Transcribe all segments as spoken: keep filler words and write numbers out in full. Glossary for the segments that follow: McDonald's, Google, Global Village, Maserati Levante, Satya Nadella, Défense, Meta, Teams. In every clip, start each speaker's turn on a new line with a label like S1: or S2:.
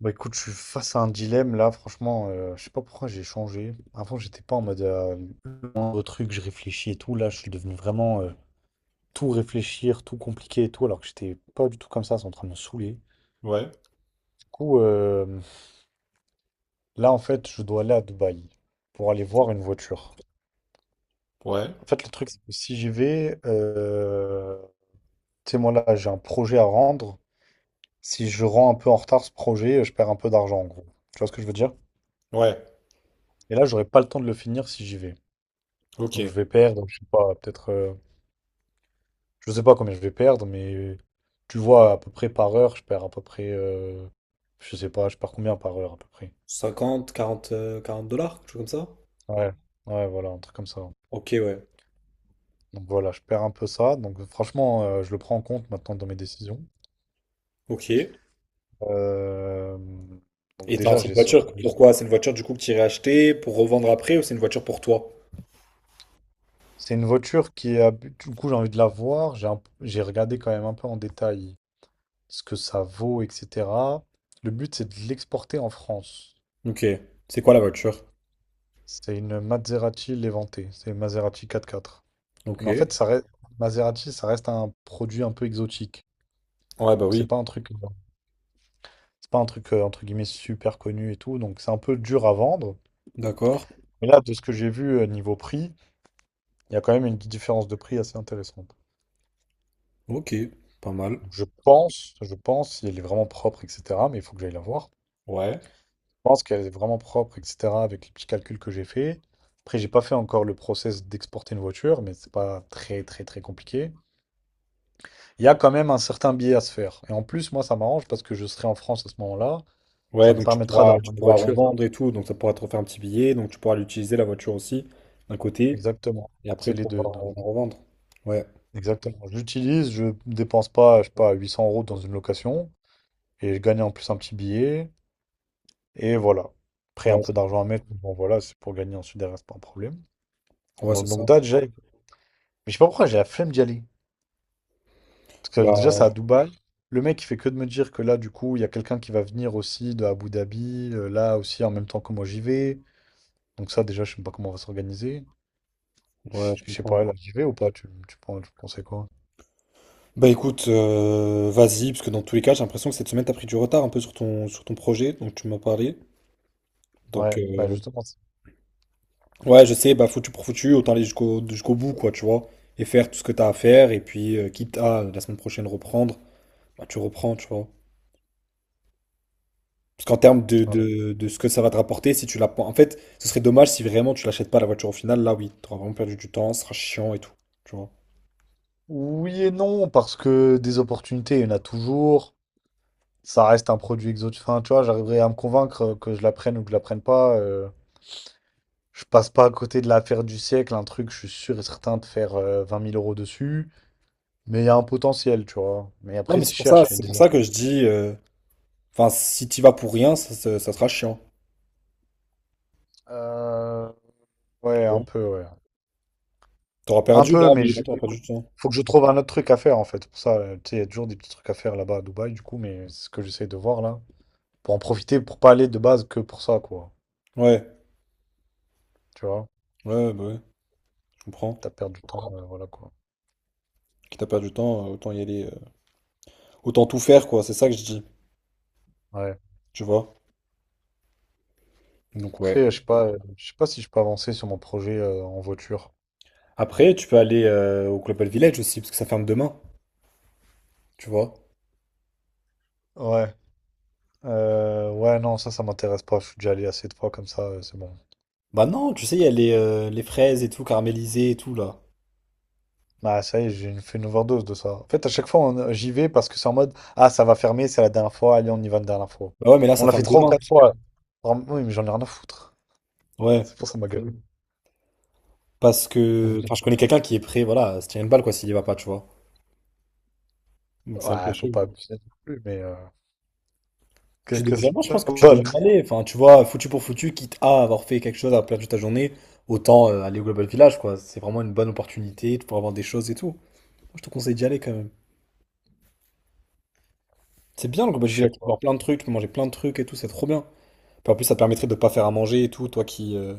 S1: Bah écoute, je suis face à un dilemme là, franchement, euh, je sais pas pourquoi j'ai changé. Avant, j'étais pas en mode euh, le truc, je réfléchis et tout. Là, je suis devenu vraiment euh, tout réfléchir, tout compliqué et tout, alors que j'étais pas du tout comme ça, c'est en train de me saouler.
S2: Ouais,
S1: Du coup, euh, là, en fait, je dois aller à Dubaï pour aller voir une voiture.
S2: ouais,
S1: En fait, le truc, c'est que si j'y vais, euh, tu sais, moi là, j'ai un projet à rendre. Si je rends un peu en retard ce projet, je perds un peu d'argent en gros. Tu vois ce que je veux dire?
S2: ouais,
S1: Et là, j'aurai pas le temps de le finir si j'y vais. Donc je
S2: ok.
S1: vais perdre, je sais pas, peut-être, euh, je sais pas combien je vais perdre, mais tu vois, à peu près par heure, je perds à peu près, euh, je sais pas, je perds combien par heure à peu près.
S2: Cinquante quarante euh, quarante dollars, quelque chose comme ça?
S1: Ouais, ouais, voilà, un truc comme ça.
S2: Ok, ouais.
S1: Donc voilà, je perds un peu ça. Donc franchement, euh, je le prends en compte maintenant dans mes décisions.
S2: Ok.
S1: Euh, donc
S2: Et t'as
S1: déjà,
S2: cette
S1: j'ai ce
S2: voiture,
S1: problème.
S2: pourquoi? C'est une voiture du coup que tu irais acheter pour revendre après ou c'est une voiture pour toi?
S1: C'est une voiture qui est, à but- du coup, j'ai envie de la voir. J'ai un- j'ai regardé quand même un peu en détail ce que ça vaut, et cetera. Le but, c'est de l'exporter en France.
S2: Ok. C'est quoi la voiture?
S1: C'est une Maserati Levante, c'est une Maserati quatre quatre.
S2: Ok.
S1: Mais en fait, ça reste Maserati, ça reste un produit un peu exotique.
S2: Ouais, bah
S1: Donc c'est
S2: oui.
S1: pas un truc, euh, c'est pas un truc euh, entre guillemets super connu et tout, donc c'est un peu dur à vendre.
S2: D'accord.
S1: Mais là, de ce que j'ai vu euh, niveau prix, il y a quand même une différence de prix assez intéressante.
S2: Ok. Pas mal.
S1: Donc, je pense, je pense, si elle est vraiment propre, et cetera. Mais il faut que j'aille la voir.
S2: Ouais,
S1: Je pense qu'elle est vraiment propre, et cetera. Avec les petits calculs que j'ai fait. Après, j'ai pas fait encore le process d'exporter une voiture, mais c'est pas très très très compliqué. Il y a quand même un certain billet à se faire. Et en plus, moi, ça m'arrange parce que je serai en France à ce moment-là. Ça
S2: ouais,
S1: me
S2: donc tu
S1: permettra
S2: pourras,
S1: d'avoir
S2: tu
S1: une
S2: pourras
S1: voiture.
S2: revendre et tout, donc ça pourra te refaire un petit billet, donc tu pourras l'utiliser la voiture aussi, d'un côté,
S1: Exactement.
S2: et après
S1: C'est les deux,
S2: pouvoir
S1: donc,
S2: euh, la revendre. Ouais,
S1: Exactement. Je l'utilise, je dépense pas, je sais pas, huit cents euros dans une location. Et je gagne en plus un petit billet. Et voilà. Après, un
S2: ouais,
S1: peu d'argent à mettre, mais Bon, voilà, c'est pour gagner ensuite derrière, c'est pas un problème.
S2: je- ouais,
S1: Bon,
S2: c'est ça.
S1: donc là, déjà, mais je sais pas pourquoi j'ai la flemme d'y aller. Parce que déjà, c'est
S2: Bah,
S1: à Dubaï. Le mec, il fait que de me dire que là, du coup, il y a quelqu'un qui va venir aussi de Abu Dhabi, euh, là aussi, en même temps que moi, j'y vais. Donc ça, déjà, je sais pas comment on va s'organiser.
S2: ouais, je
S1: Je sais
S2: comprends.
S1: pas, là, j'y vais ou pas? Tu, tu, penses- tu pensais quoi?
S2: Bah écoute, euh, vas-y, parce que dans tous les cas, j'ai l'impression que cette semaine, t'as pris du retard un peu sur ton, sur ton projet donc tu m'as parlé. Donc,
S1: Ouais, bah
S2: euh,
S1: justement. c'est-
S2: ouais, je sais, bah foutu pour foutu, autant aller jusqu'au jusqu'au bout, quoi, tu vois, et faire tout ce que t'as à faire, et puis, euh, quitte à la semaine prochaine reprendre, bah tu reprends, tu vois. Parce qu'en termes de,
S1: ouais.
S2: de, de ce que ça va te rapporter, si tu la... En fait, ce serait dommage si vraiment tu l'achètes pas la voiture au final, là oui, t'auras vraiment perdu du temps, ce sera chiant et tout, tu vois.
S1: Oui et non, parce que des opportunités, il y en a toujours. Ça reste un produit exotique. Enfin, tu vois, j'arriverai à me convaincre euh, que je la prenne ou que je la prenne pas. Euh, je passe pas à côté de l'affaire du siècle, un truc, je suis sûr et certain de faire euh, vingt mille euros dessus. Mais il y a un potentiel, tu vois. Mais
S2: Non,
S1: après,
S2: mais
S1: si
S2: c'est
S1: je
S2: pour ça,
S1: cherche, il y a
S2: c'est pour
S1: des...
S2: ça que je dis, euh, enfin, si t'y vas pour rien, ça ça- ça sera chiant.
S1: Euh, ouais, un peu, ouais.
S2: T'auras
S1: Un
S2: perdu
S1: peu,
S2: là,
S1: mais
S2: oui, là
S1: je...
S2: t'auras perdu du temps.
S1: faut que je trouve un autre truc à faire en fait. Pour ça, euh, tu sais, il y a toujours des petits trucs à faire là-bas à Dubaï, du coup, mais c'est ce que j'essaie de voir là. Pour en profiter, pour pas aller de base que pour ça, quoi.
S2: Ouais,
S1: Tu vois,
S2: ouais, bah ouais, je comprends.
S1: t'as perdu du temps, euh, voilà quoi.
S2: Quitte à perdre du temps, euh, autant y aller. euh, Autant tout faire, quoi, c'est ça que je dis,
S1: Ouais.
S2: tu vois. Donc ouais.
S1: Après, euh, je sais pas, euh, je sais pas si je peux avancer sur mon projet euh, en voiture.
S2: Après, tu peux aller euh, au Global Village aussi, parce que ça ferme demain, tu vois.
S1: Ouais. Euh, ouais, non, ça, ça m'intéresse pas. Je suis déjà allé assez de fois comme ça, euh, c'est bon.
S2: Bah non, tu sais, il y a les, euh, les fraises et tout, caramélisées et tout, là.
S1: Bah, ça y est, j'ai fait une overdose de ça. En fait, à chaque fois, on- euh, j'y vais parce que c'est en mode, ah, ça va fermer, c'est la dernière fois, allez, on y va la dernière fois.
S2: Bah ouais, mais là,
S1: On
S2: ça
S1: l'a fait
S2: ferme
S1: trois ou
S2: demain.
S1: quatre fois. Vraiment, Oui, mais j'en ai rien à foutre.
S2: Ouais.
S1: C'est pour ça ma gueule.
S2: Parce que. Enfin, je
S1: Donc,
S2: connais quelqu'un qui est prêt, voilà, à se tirer une balle, quoi, s'il y va pas, tu vois. Donc c'est un peu
S1: ouais, faut
S2: chaud.
S1: pas abuser non plus, mais euh, que,
S2: Tu
S1: que
S2: devrais,
S1: cela
S2: moi je pense que tu
S1: donne.
S2: devrais aller. Enfin, tu vois, foutu pour foutu, quitte à avoir fait quelque chose à perdre ta journée, autant euh, aller au Global Village, quoi. C'est vraiment une bonne opportunité pour avoir des choses et tout. Moi, je te conseille d'y aller quand même. C'est bien le Global
S1: Je sais
S2: Village, tu peux
S1: pas.
S2: voir plein de trucs, tu peux manger plein de trucs et tout, c'est trop bien. Puis en plus, ça te permettrait de pas faire à manger et tout, toi qui, euh,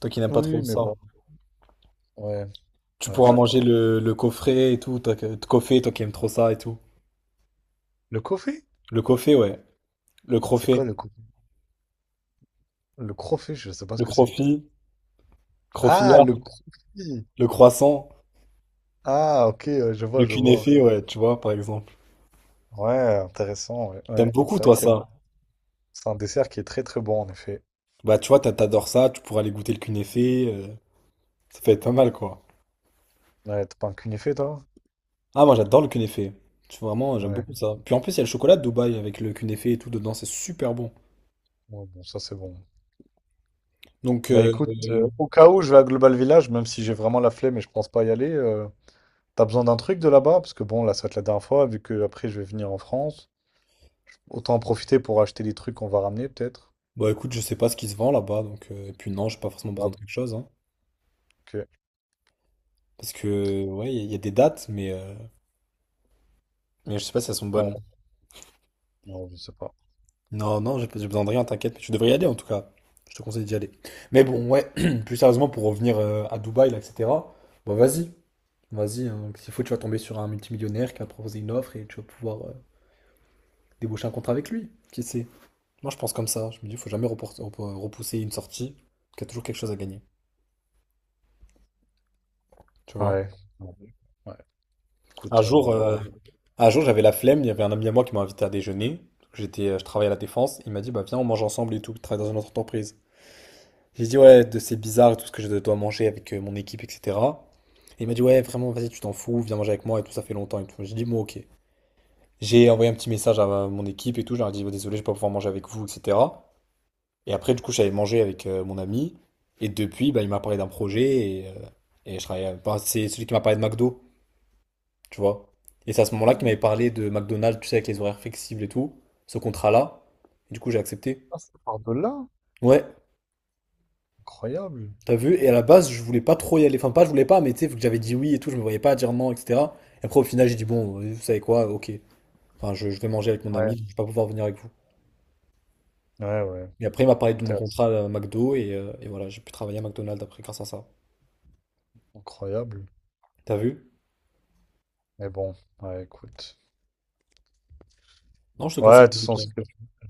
S2: toi qui n'aimes pas trop
S1: Oui, mais
S2: ça.
S1: bon. Ouais,
S2: Tu
S1: ouais, je
S2: pourras
S1: sais
S2: manger
S1: pas.
S2: le, le coffret et tout, toi, que- le coffret, toi qui aimes trop ça et tout.
S1: Le coffee?
S2: Le coffret, ouais. Le
S1: C'est quoi
S2: crofet,
S1: le coffee? Le crofet, je sais pas ce
S2: le
S1: que c'est.
S2: crofi,
S1: Ah,
S2: crofilla,
S1: le crofi.
S2: le croissant,
S1: Ah, ok, ouais, je
S2: le
S1: vois, je vois.
S2: cunéfé, ouais, tu vois, par exemple.
S1: Ouais, intéressant, ouais. Ouais.
S2: T'aimes beaucoup,
S1: C'est vrai
S2: toi,
S1: que c'est
S2: ça.
S1: c'est un dessert qui est très très bon en effet.
S2: Bah, tu vois, t'a- t'adores ça, tu pourras aller goûter le cunéfé. Euh, ça peut être pas mal, quoi.
S1: Ouais, t'as pas un cunéfé, toi?
S2: Ah, moi, j'adore le cunéfé. Tu vois, vraiment, j'aime
S1: Ouais.
S2: beaucoup ça. Puis en plus, il y a le chocolat de Dubaï avec le cunéfé et tout dedans, c'est super bon.
S1: Ouais, bon, ça c'est bon.
S2: Donc,
S1: Bah
S2: euh,
S1: écoute, euh,
S2: euh,
S1: au cas où je vais à Global Village, même si j'ai vraiment la flemme et je pense pas y aller, euh, t'as besoin d'un truc de là-bas? Parce que bon, là ça va être la dernière fois, vu que après je vais venir en France. Autant en profiter pour acheter des trucs qu'on va ramener, peut-être.
S2: bah, écoute, je sais pas ce qui se vend là-bas. Donc, euh, et puis, non, j'ai pas forcément besoin de
S1: Bah,
S2: quelque chose, hein.
S1: ok.
S2: Parce que, ouais, il y, a il y a des dates, mais, euh, mais je sais pas si elles sont bonnes.
S1: Ouais, non, je sais pas.
S2: Non, non, j'ai j'ai besoin de rien, t'inquiète. Mais tu devrais y aller en tout cas. Je te conseille d'y aller. Mais bon, ouais, plus sérieusement, pour revenir euh, à Dubaï, là, et cetera. Bah, vas-y. Vas-y, hein. S'il faut, tu vas tomber sur un multimillionnaire qui va te proposer une offre et tu vas pouvoir euh, déboucher un contrat avec lui. Qui sait? Moi, je pense comme ça. Je me dis, il faut jamais repor- repor- repousser une sortie, parce qu'il y a toujours quelque chose à gagner. Tu vois?
S1: Ouais. Ouais. Ouais.
S2: Un
S1: Écoute, euh, on va
S2: jour,
S1: voir.
S2: euh,
S1: hein.
S2: un jour j'avais la flemme, il y avait un ami à moi qui m'a invité à déjeuner. J'étais, euh, je travaillais à la Défense. Il m'a dit, bah viens, on mange ensemble et tout, je travaille dans une autre entreprise. J'ai dit, ouais, de- c'est bizarre et tout ce que je dois manger avec euh, mon équipe, et cetera. Et il m'a dit, ouais, vraiment, vas-y, tu t'en fous, viens manger avec moi et tout, ça fait longtemps et tout. J'ai dit, bon, ok. J'ai envoyé un petit message à ma- mon équipe et tout, je leur ai dit bah, désolé, je vais pas pouvoir manger avec vous, et cetera. Et après, du coup, j'avais mangé avec euh, mon ami. Et depuis, bah, il m'a parlé d'un projet et, euh, et je travaille. À- bah, c'est celui qui m'a parlé de McDo, tu vois. Et c'est à ce moment-là qu'il m'avait parlé de McDonald's, tu sais, avec les horaires flexibles et tout, ce contrat-là. Du coup, j'ai accepté.
S1: Ah, ça part de là?
S2: Ouais,
S1: Incroyable.
S2: t'as vu? Et à la base, je voulais pas trop y aller. Enfin, pas, je voulais pas, mais tu sais, vu que j'avais dit oui et tout, je me voyais pas dire non, et cetera. Et après, au final, j'ai dit bon, euh, vous savez quoi, ok. Enfin, je, je vais manger avec mon
S1: Ouais.
S2: ami, je vais pas pouvoir venir avec vous.
S1: Ouais, ouais.
S2: Et après, il m'a parlé de mon
S1: Inter-
S2: contrat à McDo et, euh, et voilà, j'ai pu travailler à McDonald's après grâce à ça.
S1: Incroyable.
S2: T'as vu?
S1: Mais bon, ouais, écoute.
S2: Non, je te
S1: Ouais,
S2: conseille
S1: de toute
S2: de
S1: façon,
S2: quand.
S1: si je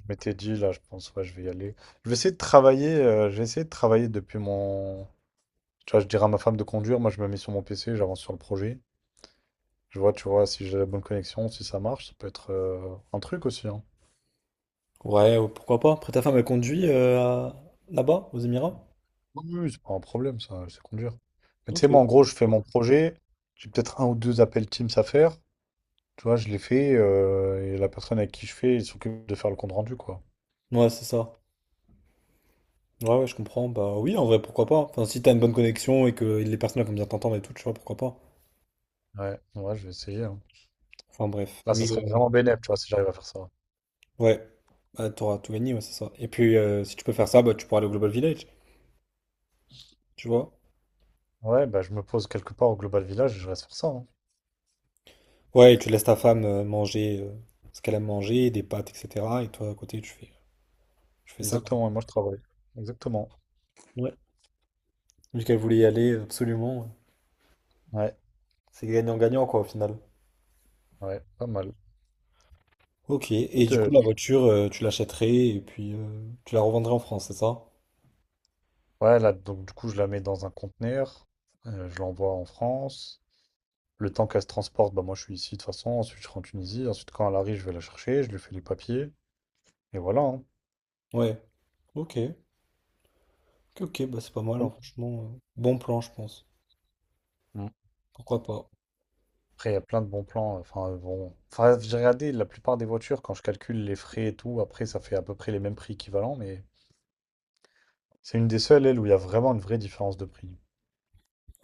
S1: m'étais dit, là, je pense, ouais, je vais y aller. Je vais essayer de travailler, euh, j'ai essayé de travailler depuis mon. Tu vois, je dirais à ma femme de conduire, moi je me mets sur mon P C, j'avance sur le projet. Je vois, tu vois, si j'ai la bonne connexion, si ça marche, ça peut être euh, un truc aussi, hein.
S2: Ouais, euh, pourquoi pas. Après, ta femme, elle conduit euh, à- là-bas, aux Émirats?
S1: Oui, oui, oui, c'est pas un problème, ça, c'est conduire. Mais tu
S2: Ok.
S1: sais, moi, en gros, je fais mon projet, j'ai peut-être un ou deux appels Teams à faire, tu vois, je les fais, euh, et la personne avec qui je fais, il s'occupe de faire le compte rendu, quoi.
S2: Ouais, c'est ça. Ouais, ouais, je comprends. Bah oui, en vrai, pourquoi pas. Enfin, si t'as une bonne connexion et que les personnes elles vont bien t'entendre et tout, tu vois, pourquoi pas.
S1: Ouais, ouais, je vais essayer, hein.
S2: Enfin, bref.
S1: Là, ça
S2: Mais
S1: serait
S2: euh,
S1: vraiment bénéf, tu vois, si j'arrive à faire ça.
S2: ouais, bah, t'auras tout gagné, ouais, c'est ça. Et puis, euh, si tu peux faire ça, bah, tu pourras aller au Global Village, tu vois.
S1: Ouais, bah, je me pose quelque part au Global Village et je reste faire ça, hein.
S2: Ouais, et tu laisses ta femme euh, manger euh, ce qu'elle aime manger, des pâtes, et cetera. Et toi, à côté, tu fais, tu fais ça,
S1: Exactement, et moi je travaille. Exactement.
S2: quoi. Vu qu'elle voulait y aller absolument.
S1: Ouais,
S2: C'est gagnant-gagnant quoi au final.
S1: ouais, pas mal.
S2: Ok, et du coup
S1: Euh,
S2: la voiture, euh, tu l'achèterais et puis euh, tu la revendrais en France, c'est ça?
S1: ouais, là, donc du coup, je la mets dans un conteneur, euh, je l'envoie en France. Le temps qu'elle se transporte, bah moi je suis ici de toute façon, ensuite je rentre en Tunisie, ensuite quand elle arrive, je vais la chercher, je lui fais les papiers, et voilà. hein.
S2: Ouais, ok. Ok, ok, bah c'est pas mal, hein, franchement. Euh, bon plan, je pense.
S1: Mm.
S2: Pourquoi pas?
S1: Après, il y a plein de bons plans. Enfin, euh, bon. Enfin, j'ai regardé la plupart des voitures, quand je calcule les frais et tout, après ça fait à peu près les mêmes prix équivalents, mais c'est une des seules, elle, où il y a vraiment une vraie différence de prix.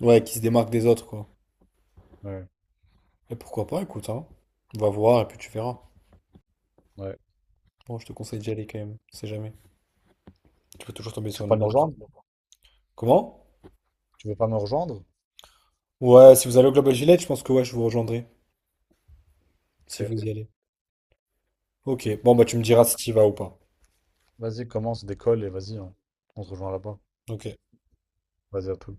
S2: Ouais, qui se démarque des autres, quoi.
S1: Ouais,
S2: Et pourquoi pas, écoute, hein. On va voir et puis tu verras.
S1: ouais.
S2: Bon, je te conseille d'y aller quand même, on sait jamais. Tu peux toujours tomber
S1: Tu
S2: sur
S1: veux
S2: une
S1: pas me
S2: bonne.
S1: rejoindre?
S2: Comment?
S1: Tu veux pas me rejoindre?
S2: Ouais, si vous allez au Global Village, je pense que ouais, je vous rejoindrai, si
S1: Ok.
S2: vous y allez. Ok, bon bah tu me diras si tu y vas ou pas.
S1: Vas-y, commence, décolle et vas-y, on, on se rejoint là-bas.
S2: Ok?
S1: Vas-y, à tout.